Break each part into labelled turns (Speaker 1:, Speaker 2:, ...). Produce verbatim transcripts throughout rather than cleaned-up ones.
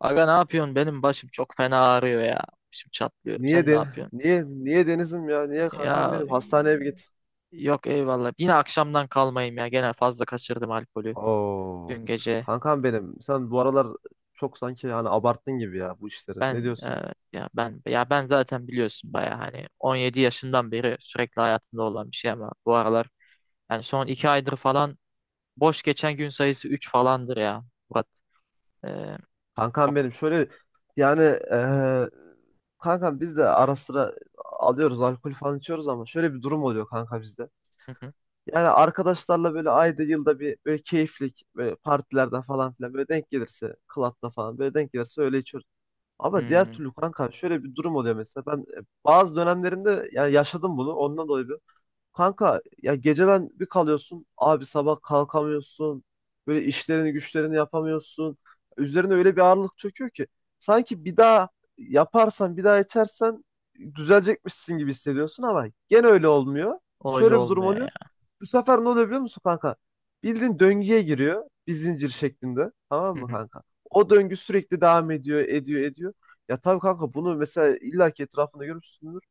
Speaker 1: Aga, ne yapıyorsun? Benim başım çok fena ağrıyor ya. Başım çatlıyor.
Speaker 2: Niye
Speaker 1: Sen ne
Speaker 2: de
Speaker 1: yapıyorsun?
Speaker 2: niye niye Deniz'im ya? Niye kankam
Speaker 1: Ya,
Speaker 2: benim? Hastaneye bir git.
Speaker 1: yok, eyvallah. Yine akşamdan kalmayayım ya. Gene fazla kaçırdım alkolü
Speaker 2: Oo.
Speaker 1: dün gece.
Speaker 2: Kankam benim. Sen bu aralar çok sanki yani abarttın gibi ya bu işleri. Ne
Speaker 1: Ben e,
Speaker 2: diyorsun?
Speaker 1: ya ben ya ben zaten biliyorsun baya hani on yedi yaşından beri sürekli hayatımda olan bir şey, ama bu aralar, yani son iki aydır falan, boş geçen gün sayısı üç falandır ya. Murat. E,
Speaker 2: Kankam
Speaker 1: Çok.
Speaker 2: benim. Şöyle yani eee kankam biz de ara sıra alıyoruz alkol falan içiyoruz ama şöyle bir durum oluyor kanka bizde.
Speaker 1: Hı hı.
Speaker 2: Yani arkadaşlarla böyle ayda yılda bir böyle keyiflik böyle partilerden falan filan böyle denk gelirse club'da falan böyle denk gelirse öyle içiyoruz. Ama diğer
Speaker 1: Hmm,
Speaker 2: türlü kanka şöyle bir durum oluyor mesela. Ben e, bazı dönemlerinde yani yaşadım bunu. Ondan dolayı bir. Kanka ya geceden bir kalıyorsun abi sabah kalkamıyorsun, böyle işlerini güçlerini yapamıyorsun, üzerine öyle bir ağırlık çöküyor ki sanki bir daha yaparsan, bir daha içersen düzelecekmişsin gibi hissediyorsun, ama gene öyle olmuyor,
Speaker 1: Öyle
Speaker 2: şöyle bir durum
Speaker 1: olmuyor
Speaker 2: oluyor. Bu sefer ne oluyor biliyor musun kanka? Bildiğin döngüye giriyor bir zincir şeklinde, tamam
Speaker 1: ya.
Speaker 2: mı kanka? O döngü sürekli devam ediyor, ediyor, ediyor. Ya tabii kanka, bunu mesela illaki etrafında görmüşsündür.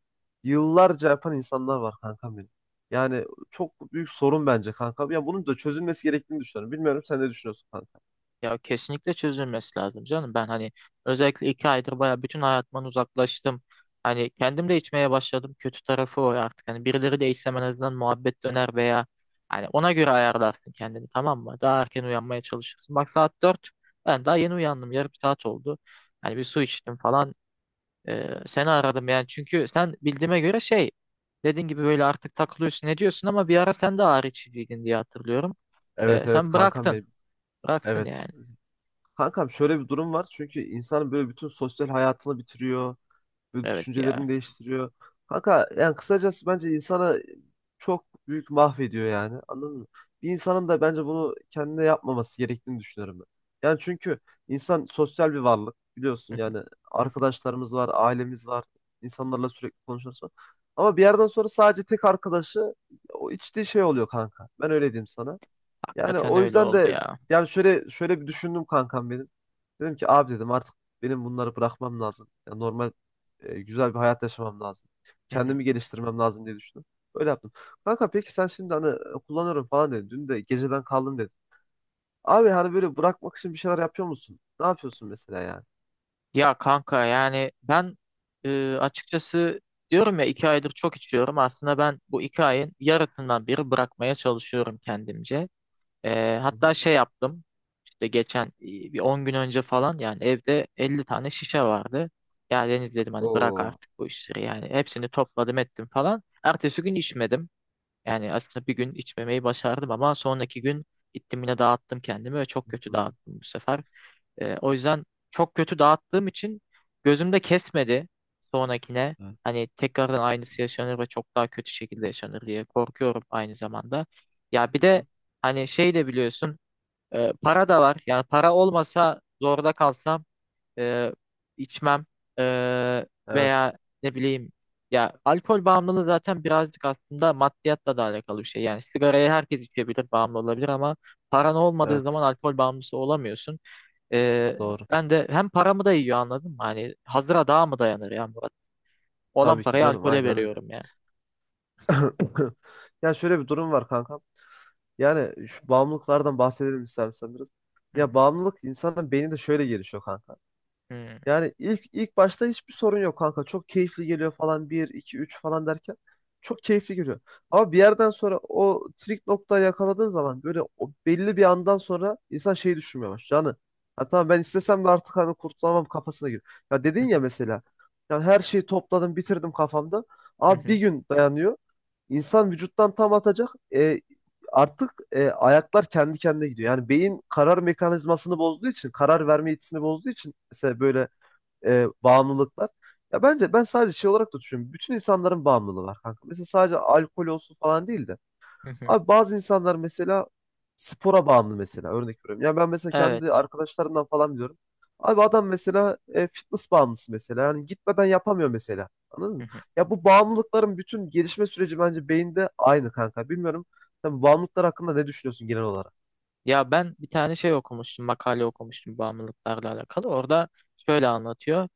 Speaker 2: Yıllarca yapan insanlar var kankam benim. Yani çok büyük sorun bence kankam. Ya bunun da çözülmesi gerektiğini düşünüyorum. Bilmiyorum, sen ne düşünüyorsun kanka?
Speaker 1: Ya kesinlikle çözülmesi lazım canım. Ben hani özellikle iki aydır baya bütün hayatımdan uzaklaştım. Hani kendim de içmeye başladım. Kötü tarafı o artık. Hani birileri de içsem en azından muhabbet döner, veya hani ona göre ayarlarsın kendini, tamam mı? Daha erken uyanmaya çalışırsın. Bak, saat dört. Ben daha yeni uyandım. Yarım saat oldu. Hani bir su içtim falan. Ee, seni aradım yani. Çünkü sen bildiğime göre şey, dediğin gibi böyle artık takılıyorsun, ne diyorsun, ama bir ara sen de ağrı içiciydin diye hatırlıyorum.
Speaker 2: Evet,
Speaker 1: Ee,
Speaker 2: evet
Speaker 1: sen
Speaker 2: kankam
Speaker 1: bıraktın.
Speaker 2: benim.
Speaker 1: Bıraktın
Speaker 2: Evet.
Speaker 1: yani.
Speaker 2: Kankam şöyle bir durum var. Çünkü insanın böyle bütün sosyal hayatını bitiriyor. Böyle
Speaker 1: Evet ya.
Speaker 2: düşüncelerini değiştiriyor. Kanka yani kısacası bence insana çok büyük mahvediyor yani. Anladın mı? Bir insanın da bence bunu kendine yapmaması gerektiğini düşünüyorum ben. Yani çünkü insan sosyal bir varlık,
Speaker 1: Hı
Speaker 2: biliyorsun
Speaker 1: hı,
Speaker 2: yani,
Speaker 1: hı hı.
Speaker 2: arkadaşlarımız var, ailemiz var, insanlarla sürekli konuşuyoruz, falan. Ama bir yerden sonra sadece tek arkadaşı o içtiği şey oluyor kanka. Ben öyle diyeyim sana. Yani
Speaker 1: Hakikaten
Speaker 2: o
Speaker 1: öyle
Speaker 2: yüzden
Speaker 1: oldu
Speaker 2: de
Speaker 1: ya.
Speaker 2: yani şöyle şöyle bir düşündüm kankam benim. Dedim ki abi, dedim artık benim bunları bırakmam lazım. Yani normal, e, güzel bir hayat yaşamam lazım.
Speaker 1: Hı hı.
Speaker 2: Kendimi geliştirmem lazım diye düşündüm. Öyle yaptım. Kanka peki sen şimdi hani e, kullanıyorum falan dedin. Dün de geceden kaldım dedin. Abi hani böyle bırakmak için bir şeyler yapıyor musun? Ne yapıyorsun mesela yani?
Speaker 1: Ya kanka, yani ben e, açıkçası diyorum ya, iki aydır çok içiyorum. Aslında ben bu iki ayın yarısından biri bırakmaya çalışıyorum kendimce. E,
Speaker 2: Hı hı.
Speaker 1: hatta şey yaptım, işte geçen e, bir on gün önce falan, yani evde elli tane şişe vardı. Ya Deniz dedim, hani bırak
Speaker 2: Oo.
Speaker 1: artık bu işleri yani, hepsini topladım ettim falan. Ertesi gün içmedim. Yani aslında bir gün içmemeyi başardım ama sonraki gün gittim yine dağıttım kendimi, ve çok kötü
Speaker 2: Hı.
Speaker 1: dağıttım bu sefer. Ee, o yüzden, çok kötü dağıttığım için, gözümde kesmedi sonrakine.
Speaker 2: Hı.
Speaker 1: Hani tekrardan aynısı yaşanır ve çok daha kötü şekilde yaşanır diye korkuyorum aynı zamanda. Ya bir
Speaker 2: Evet. Hı.
Speaker 1: de
Speaker 2: Hı.
Speaker 1: hani şey de biliyorsun, e, para da var. Yani para olmasa, zorda kalsam, e, içmem, e,
Speaker 2: Evet,
Speaker 1: veya ne bileyim. Ya, alkol bağımlılığı zaten birazcık aslında maddiyatla da alakalı bir şey. Yani sigarayı herkes içebilir, bağımlı olabilir, ama paran olmadığı
Speaker 2: evet,
Speaker 1: zaman alkol bağımlısı olamıyorsun. Ee,
Speaker 2: doğru.
Speaker 1: Ben de hem paramı da yiyor, anladın mı? Hani hazıra daha mı dayanır ya, Murat? Olan
Speaker 2: Tabii ki
Speaker 1: parayı
Speaker 2: canım,
Speaker 1: alkole
Speaker 2: aynen öyle.
Speaker 1: veriyorum ya.
Speaker 2: Ya şöyle bir durum var kanka. Yani şu bağımlılıklardan bahsedelim istersen biraz.
Speaker 1: Hı
Speaker 2: Ya
Speaker 1: hı,
Speaker 2: bağımlılık insanın beyninde şöyle gelişiyor kanka.
Speaker 1: hı
Speaker 2: Yani ilk ilk başta hiçbir sorun yok kanka. Çok keyifli geliyor falan, bir iki üç falan derken çok keyifli geliyor. Ama bir yerden sonra o trik noktayı yakaladığın zaman, böyle o belli bir andan sonra insan şeyi düşünmeye başlıyor. Yani ha tamam, ben istesem de artık hani kurtulamam kafasına giriyor. Ya dedin
Speaker 1: hı,
Speaker 2: ya mesela. Yani her şeyi topladım, bitirdim kafamda.
Speaker 1: hı
Speaker 2: Abi bir
Speaker 1: hı,
Speaker 2: gün dayanıyor. İnsan vücuttan tam atacak. E, artık e, ayaklar kendi kendine gidiyor. Yani beyin karar mekanizmasını bozduğu için, karar verme yetisini bozduğu için mesela böyle e, bağımlılıklar. Ya bence ben sadece şey olarak da düşünüyorum. Bütün insanların bağımlılığı var kanka. Mesela sadece alkol olsun falan değil de.
Speaker 1: hı hı.
Speaker 2: Abi bazı insanlar mesela spora bağımlı mesela, örnek veriyorum. Ya ben mesela kendi
Speaker 1: Evet.
Speaker 2: arkadaşlarımdan falan biliyorum. Abi adam mesela e, fitness bağımlısı mesela. Yani gitmeden yapamıyor mesela. Anladın
Speaker 1: Hı
Speaker 2: mı?
Speaker 1: hı.
Speaker 2: Ya bu bağımlılıkların bütün gelişme süreci bence beyinde aynı kanka. Bilmiyorum. Sen bağımlılıklar hakkında ne düşünüyorsun genel olarak?
Speaker 1: Ya ben bir tane şey okumuştum, makale okumuştum, bağımlılıklarla alakalı. Orada şöyle anlatıyor.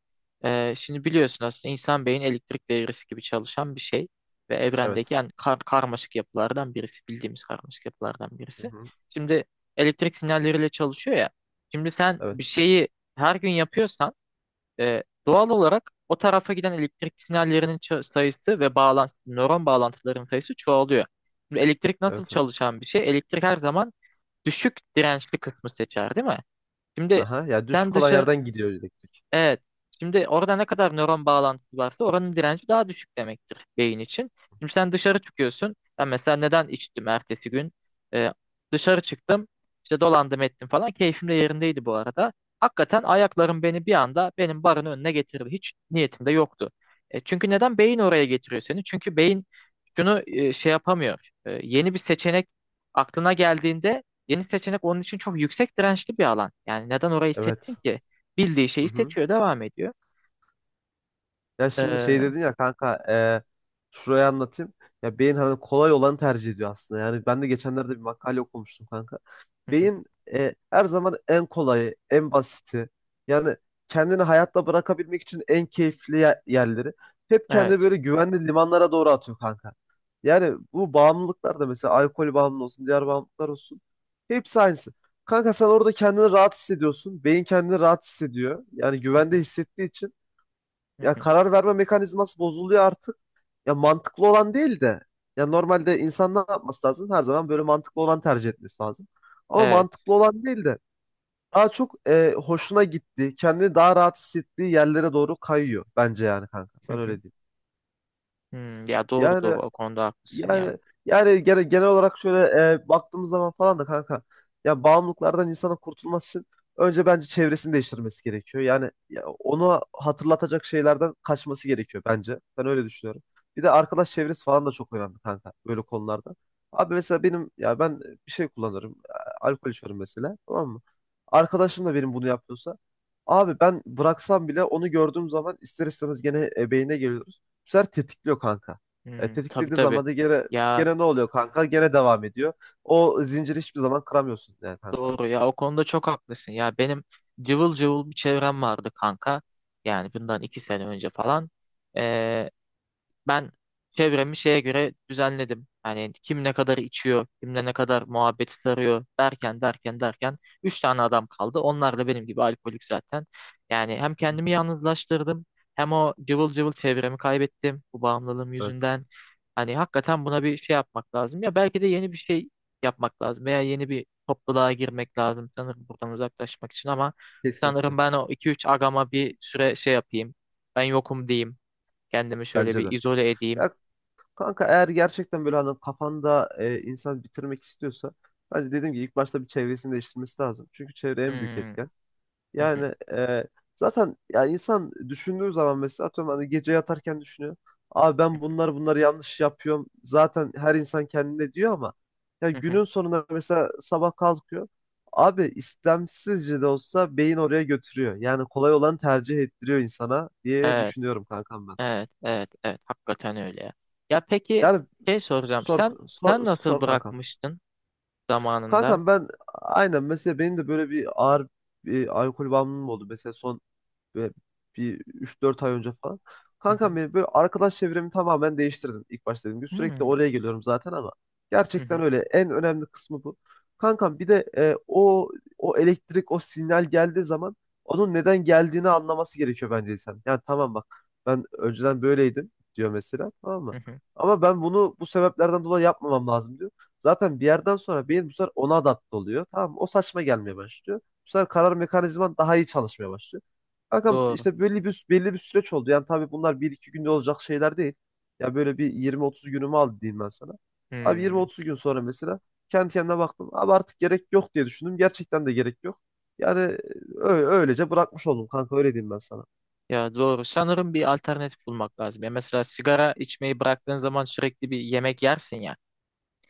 Speaker 1: Ee, şimdi biliyorsun, aslında insan beyin elektrik devresi gibi çalışan bir şey. Ve evrendeki
Speaker 2: Evet.
Speaker 1: yani kar karmaşık yapılardan birisi. Bildiğimiz karmaşık yapılardan
Speaker 2: Hı
Speaker 1: birisi.
Speaker 2: hı.
Speaker 1: Şimdi elektrik sinyalleriyle çalışıyor ya. Şimdi sen
Speaker 2: Evet.
Speaker 1: bir şeyi her gün yapıyorsan, E, doğal olarak o tarafa giden elektrik sinyallerinin ço- sayısı ve bağlantı, nöron bağlantılarının sayısı çoğalıyor. Şimdi elektrik nasıl
Speaker 2: Evet, evet.
Speaker 1: çalışan bir şey? Elektrik her zaman düşük dirençli kısmı seçer, değil mi? Şimdi
Speaker 2: Aha. Ya
Speaker 1: sen
Speaker 2: düşük olan
Speaker 1: dışarı.
Speaker 2: yerden gidiyor elektrik.
Speaker 1: Evet. Şimdi orada ne kadar nöron bağlantısı varsa oranın direnci daha düşük demektir beyin için. Şimdi sen dışarı çıkıyorsun. Ben mesela neden içtim ertesi gün? Ee, Dışarı çıktım. İşte dolandım ettim falan. Keyfim de yerindeydi bu arada. Hakikaten ayaklarım beni bir anda benim barın önüne getirdi. Hiç niyetim de yoktu. E, çünkü neden? Beyin oraya getiriyor seni. Çünkü beyin şunu e, şey yapamıyor. E, yeni bir seçenek aklına geldiğinde, yeni seçenek onun için çok yüksek dirençli bir alan. Yani neden orayı seçtin
Speaker 2: Evet.
Speaker 1: ki? Bildiği
Speaker 2: Hı
Speaker 1: şeyi
Speaker 2: hı.
Speaker 1: seçiyor, devam ediyor.
Speaker 2: Ya
Speaker 1: Ee,
Speaker 2: şimdi şey
Speaker 1: hı
Speaker 2: dedin ya kanka, e, şurayı anlatayım. Ya beyin hani kolay olanı tercih ediyor aslında. Yani ben de geçenlerde bir makale okumuştum kanka.
Speaker 1: hı,
Speaker 2: Beyin e, her zaman en kolayı, en basiti. Yani kendini hayatta bırakabilmek için en keyifli ye- yerleri. Hep kendini
Speaker 1: evet.
Speaker 2: böyle güvenli limanlara doğru atıyor kanka. Yani bu bağımlılıklar da, mesela alkol bağımlı olsun, diğer bağımlılıklar olsun, hepsi aynısı. Kanka sen orada kendini rahat hissediyorsun. Beyin kendini rahat hissediyor. Yani
Speaker 1: Hı
Speaker 2: güvende
Speaker 1: hı,
Speaker 2: hissettiği için
Speaker 1: hı
Speaker 2: ya
Speaker 1: hı.
Speaker 2: karar verme mekanizması bozuluyor artık. Ya mantıklı olan değil de. Ya normalde insan ne yapması lazım? Her zaman böyle mantıklı olan tercih etmesi lazım. Ama
Speaker 1: Evet.
Speaker 2: mantıklı olan değil de daha çok e, hoşuna gitti, kendini daha rahat hissettiği yerlere doğru kayıyor bence yani kanka.
Speaker 1: Hı
Speaker 2: Ben
Speaker 1: hı.
Speaker 2: öyle diyeyim.
Speaker 1: Hmm, ya doğru
Speaker 2: Yani
Speaker 1: doğru, o konuda haklısın ya.
Speaker 2: yani yani gene- genel olarak şöyle e, baktığımız zaman falan da kanka, ya bağımlılıklardan insanın kurtulması için önce bence çevresini değiştirmesi gerekiyor. Yani ya onu hatırlatacak şeylerden kaçması gerekiyor bence. Ben öyle düşünüyorum. Bir de arkadaş çevresi falan da çok önemli kanka böyle konularda. Abi mesela benim, ya ben bir şey kullanırım. e, Alkol içiyorum mesela, tamam mı? Arkadaşım da benim bunu yapıyorsa abi, ben bıraksam bile onu gördüğüm zaman ister istemez gene e, beynine geliyoruz. Bu sefer tetikliyor kanka. E,
Speaker 1: Hmm, tabii
Speaker 2: tetiklediği
Speaker 1: tabii.
Speaker 2: zaman da gene,
Speaker 1: Ya
Speaker 2: gene ne oluyor kanka? Gene devam ediyor. O zinciri hiçbir zaman kıramıyorsun yani kanka.
Speaker 1: doğru ya, o konuda çok haklısın. Ya benim cıvıl cıvıl bir çevrem vardı kanka. Yani bundan iki sene önce falan. Ben çevremi şeye göre düzenledim. Yani kim ne kadar içiyor, kimle ne kadar muhabbeti sarıyor, derken derken derken üç tane adam kaldı. Onlar da benim gibi alkolik zaten. Yani hem
Speaker 2: Hı
Speaker 1: kendimi
Speaker 2: hı.
Speaker 1: yalnızlaştırdım, hem o cıvıl cıvıl çevremi kaybettim, bu bağımlılığım
Speaker 2: Evet.
Speaker 1: yüzünden. Hani hakikaten buna bir şey yapmak lazım. Ya belki de yeni bir şey yapmak lazım, veya yeni bir topluluğa girmek lazım sanırım, buradan uzaklaşmak için, ama sanırım
Speaker 2: Kesinlikle.
Speaker 1: ben o iki üç agama bir süre şey yapayım. Ben yokum diyeyim. Kendimi şöyle
Speaker 2: Bence
Speaker 1: bir
Speaker 2: de.
Speaker 1: izole edeyim.
Speaker 2: Ya kanka, eğer gerçekten böyle hani kafanda e, insan bitirmek istiyorsa, bence dediğim gibi ilk başta bir çevresini değiştirmesi lazım. Çünkü çevre en büyük
Speaker 1: Hmm,
Speaker 2: etken.
Speaker 1: hı hı,
Speaker 2: Yani e, zaten ya insan düşündüğü zaman mesela atıyorum, hani gece yatarken düşünüyor. Abi ben bunlar bunları yanlış yapıyorum. Zaten her insan kendine diyor ama ya
Speaker 1: hı hı.
Speaker 2: günün sonunda mesela sabah kalkıyor. Abi istemsizce de olsa beyin oraya götürüyor. Yani kolay olanı tercih ettiriyor insana diye
Speaker 1: Evet,
Speaker 2: düşünüyorum kankam ben.
Speaker 1: evet, evet, evet. Hakikaten öyle ya. Ya peki,
Speaker 2: Yani
Speaker 1: şey soracağım.
Speaker 2: sor,
Speaker 1: Sen sen
Speaker 2: sor,
Speaker 1: nasıl
Speaker 2: sor kankam.
Speaker 1: bırakmıştın zamanında?
Speaker 2: Kankam ben aynen, mesela benim de böyle bir ağır bir alkol bağımlılığım oldu. Mesela son. Ve bir üç dört ay önce falan.
Speaker 1: Hı
Speaker 2: Kankam
Speaker 1: hı,
Speaker 2: benim böyle arkadaş çevremi tamamen değiştirdim ilk başta, dediğim gibi. Sürekli
Speaker 1: hmm,
Speaker 2: oraya geliyorum zaten, ama
Speaker 1: hı hı,
Speaker 2: gerçekten öyle. En önemli kısmı bu. Kankam bir de e, o o elektrik, o sinyal geldiği zaman, onun neden geldiğini anlaması gerekiyor bence insan. Yani tamam bak, ben önceden böyleydim diyor mesela, tamam
Speaker 1: hı
Speaker 2: mı?
Speaker 1: hı.
Speaker 2: Ama ben bunu bu sebeplerden dolayı yapmamam lazım diyor. Zaten bir yerden sonra beyin bu sefer ona adapte oluyor. Tamam mı? O saçma gelmeye başlıyor. Bu sefer karar mekanizman daha iyi çalışmaya başlıyor. Kankam
Speaker 1: Doğru.
Speaker 2: işte belli bir belli bir süreç oldu. Yani tabii bunlar bir iki günde olacak şeyler değil. Ya böyle bir yirmi otuz günümü aldı diyeyim ben sana. Abi
Speaker 1: Hmm.
Speaker 2: yirmi otuz gün sonra mesela kendi kendine baktım. Abi artık gerek yok diye düşündüm. Gerçekten de gerek yok. Yani öyle, öylece bırakmış oldum kanka, öyle diyeyim ben sana.
Speaker 1: Ya doğru. Sanırım bir alternatif bulmak lazım. Ya mesela sigara içmeyi bıraktığın zaman sürekli bir yemek yersin ya.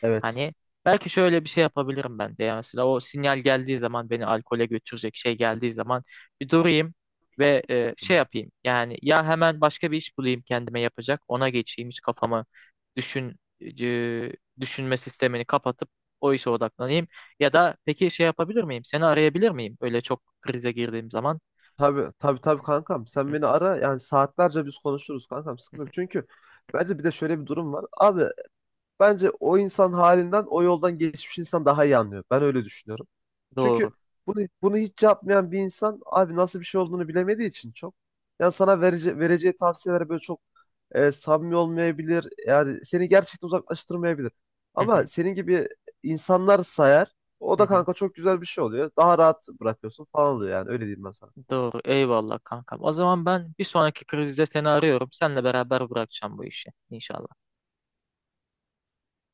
Speaker 2: Evet.
Speaker 1: Hani belki şöyle bir şey yapabilirim ben de. Yani mesela o sinyal geldiği zaman, beni alkole götürecek şey geldiği zaman, bir durayım ve e, şey yapayım. Yani ya hemen başka bir iş bulayım kendime yapacak. Ona geçeyim, hiç kafamı düşün e, düşünme sistemini kapatıp o işe odaklanayım. Ya da peki şey yapabilir miyim? Seni arayabilir miyim, öyle çok krize girdiğim zaman?
Speaker 2: Tabii, tabii, tabii kankam, sen
Speaker 1: Hı,
Speaker 2: beni ara yani saatlerce biz konuşuruz kankam,
Speaker 1: hı.
Speaker 2: sıkıntı yok. Çünkü bence bir de şöyle bir durum var. Abi, bence o insan halinden, o yoldan geçmiş insan daha iyi anlıyor. Ben öyle düşünüyorum.
Speaker 1: Doğru.
Speaker 2: Çünkü bunu bunu hiç yapmayan bir insan abi nasıl bir şey olduğunu bilemediği için çok. Yani sana verece- vereceği tavsiyeler böyle çok e, samimi olmayabilir. Yani seni gerçekten uzaklaştırmayabilir.
Speaker 1: Hı
Speaker 2: Ama
Speaker 1: hı,
Speaker 2: senin gibi insanlar sayar. O
Speaker 1: hı
Speaker 2: da
Speaker 1: hı.
Speaker 2: kanka çok güzel bir şey oluyor. Daha rahat bırakıyorsun falan oluyor yani, öyle diyeyim ben sana.
Speaker 1: Doğru. Eyvallah kankam. O zaman ben bir sonraki krizde seni arıyorum. Seninle beraber bırakacağım bu işi. İnşallah.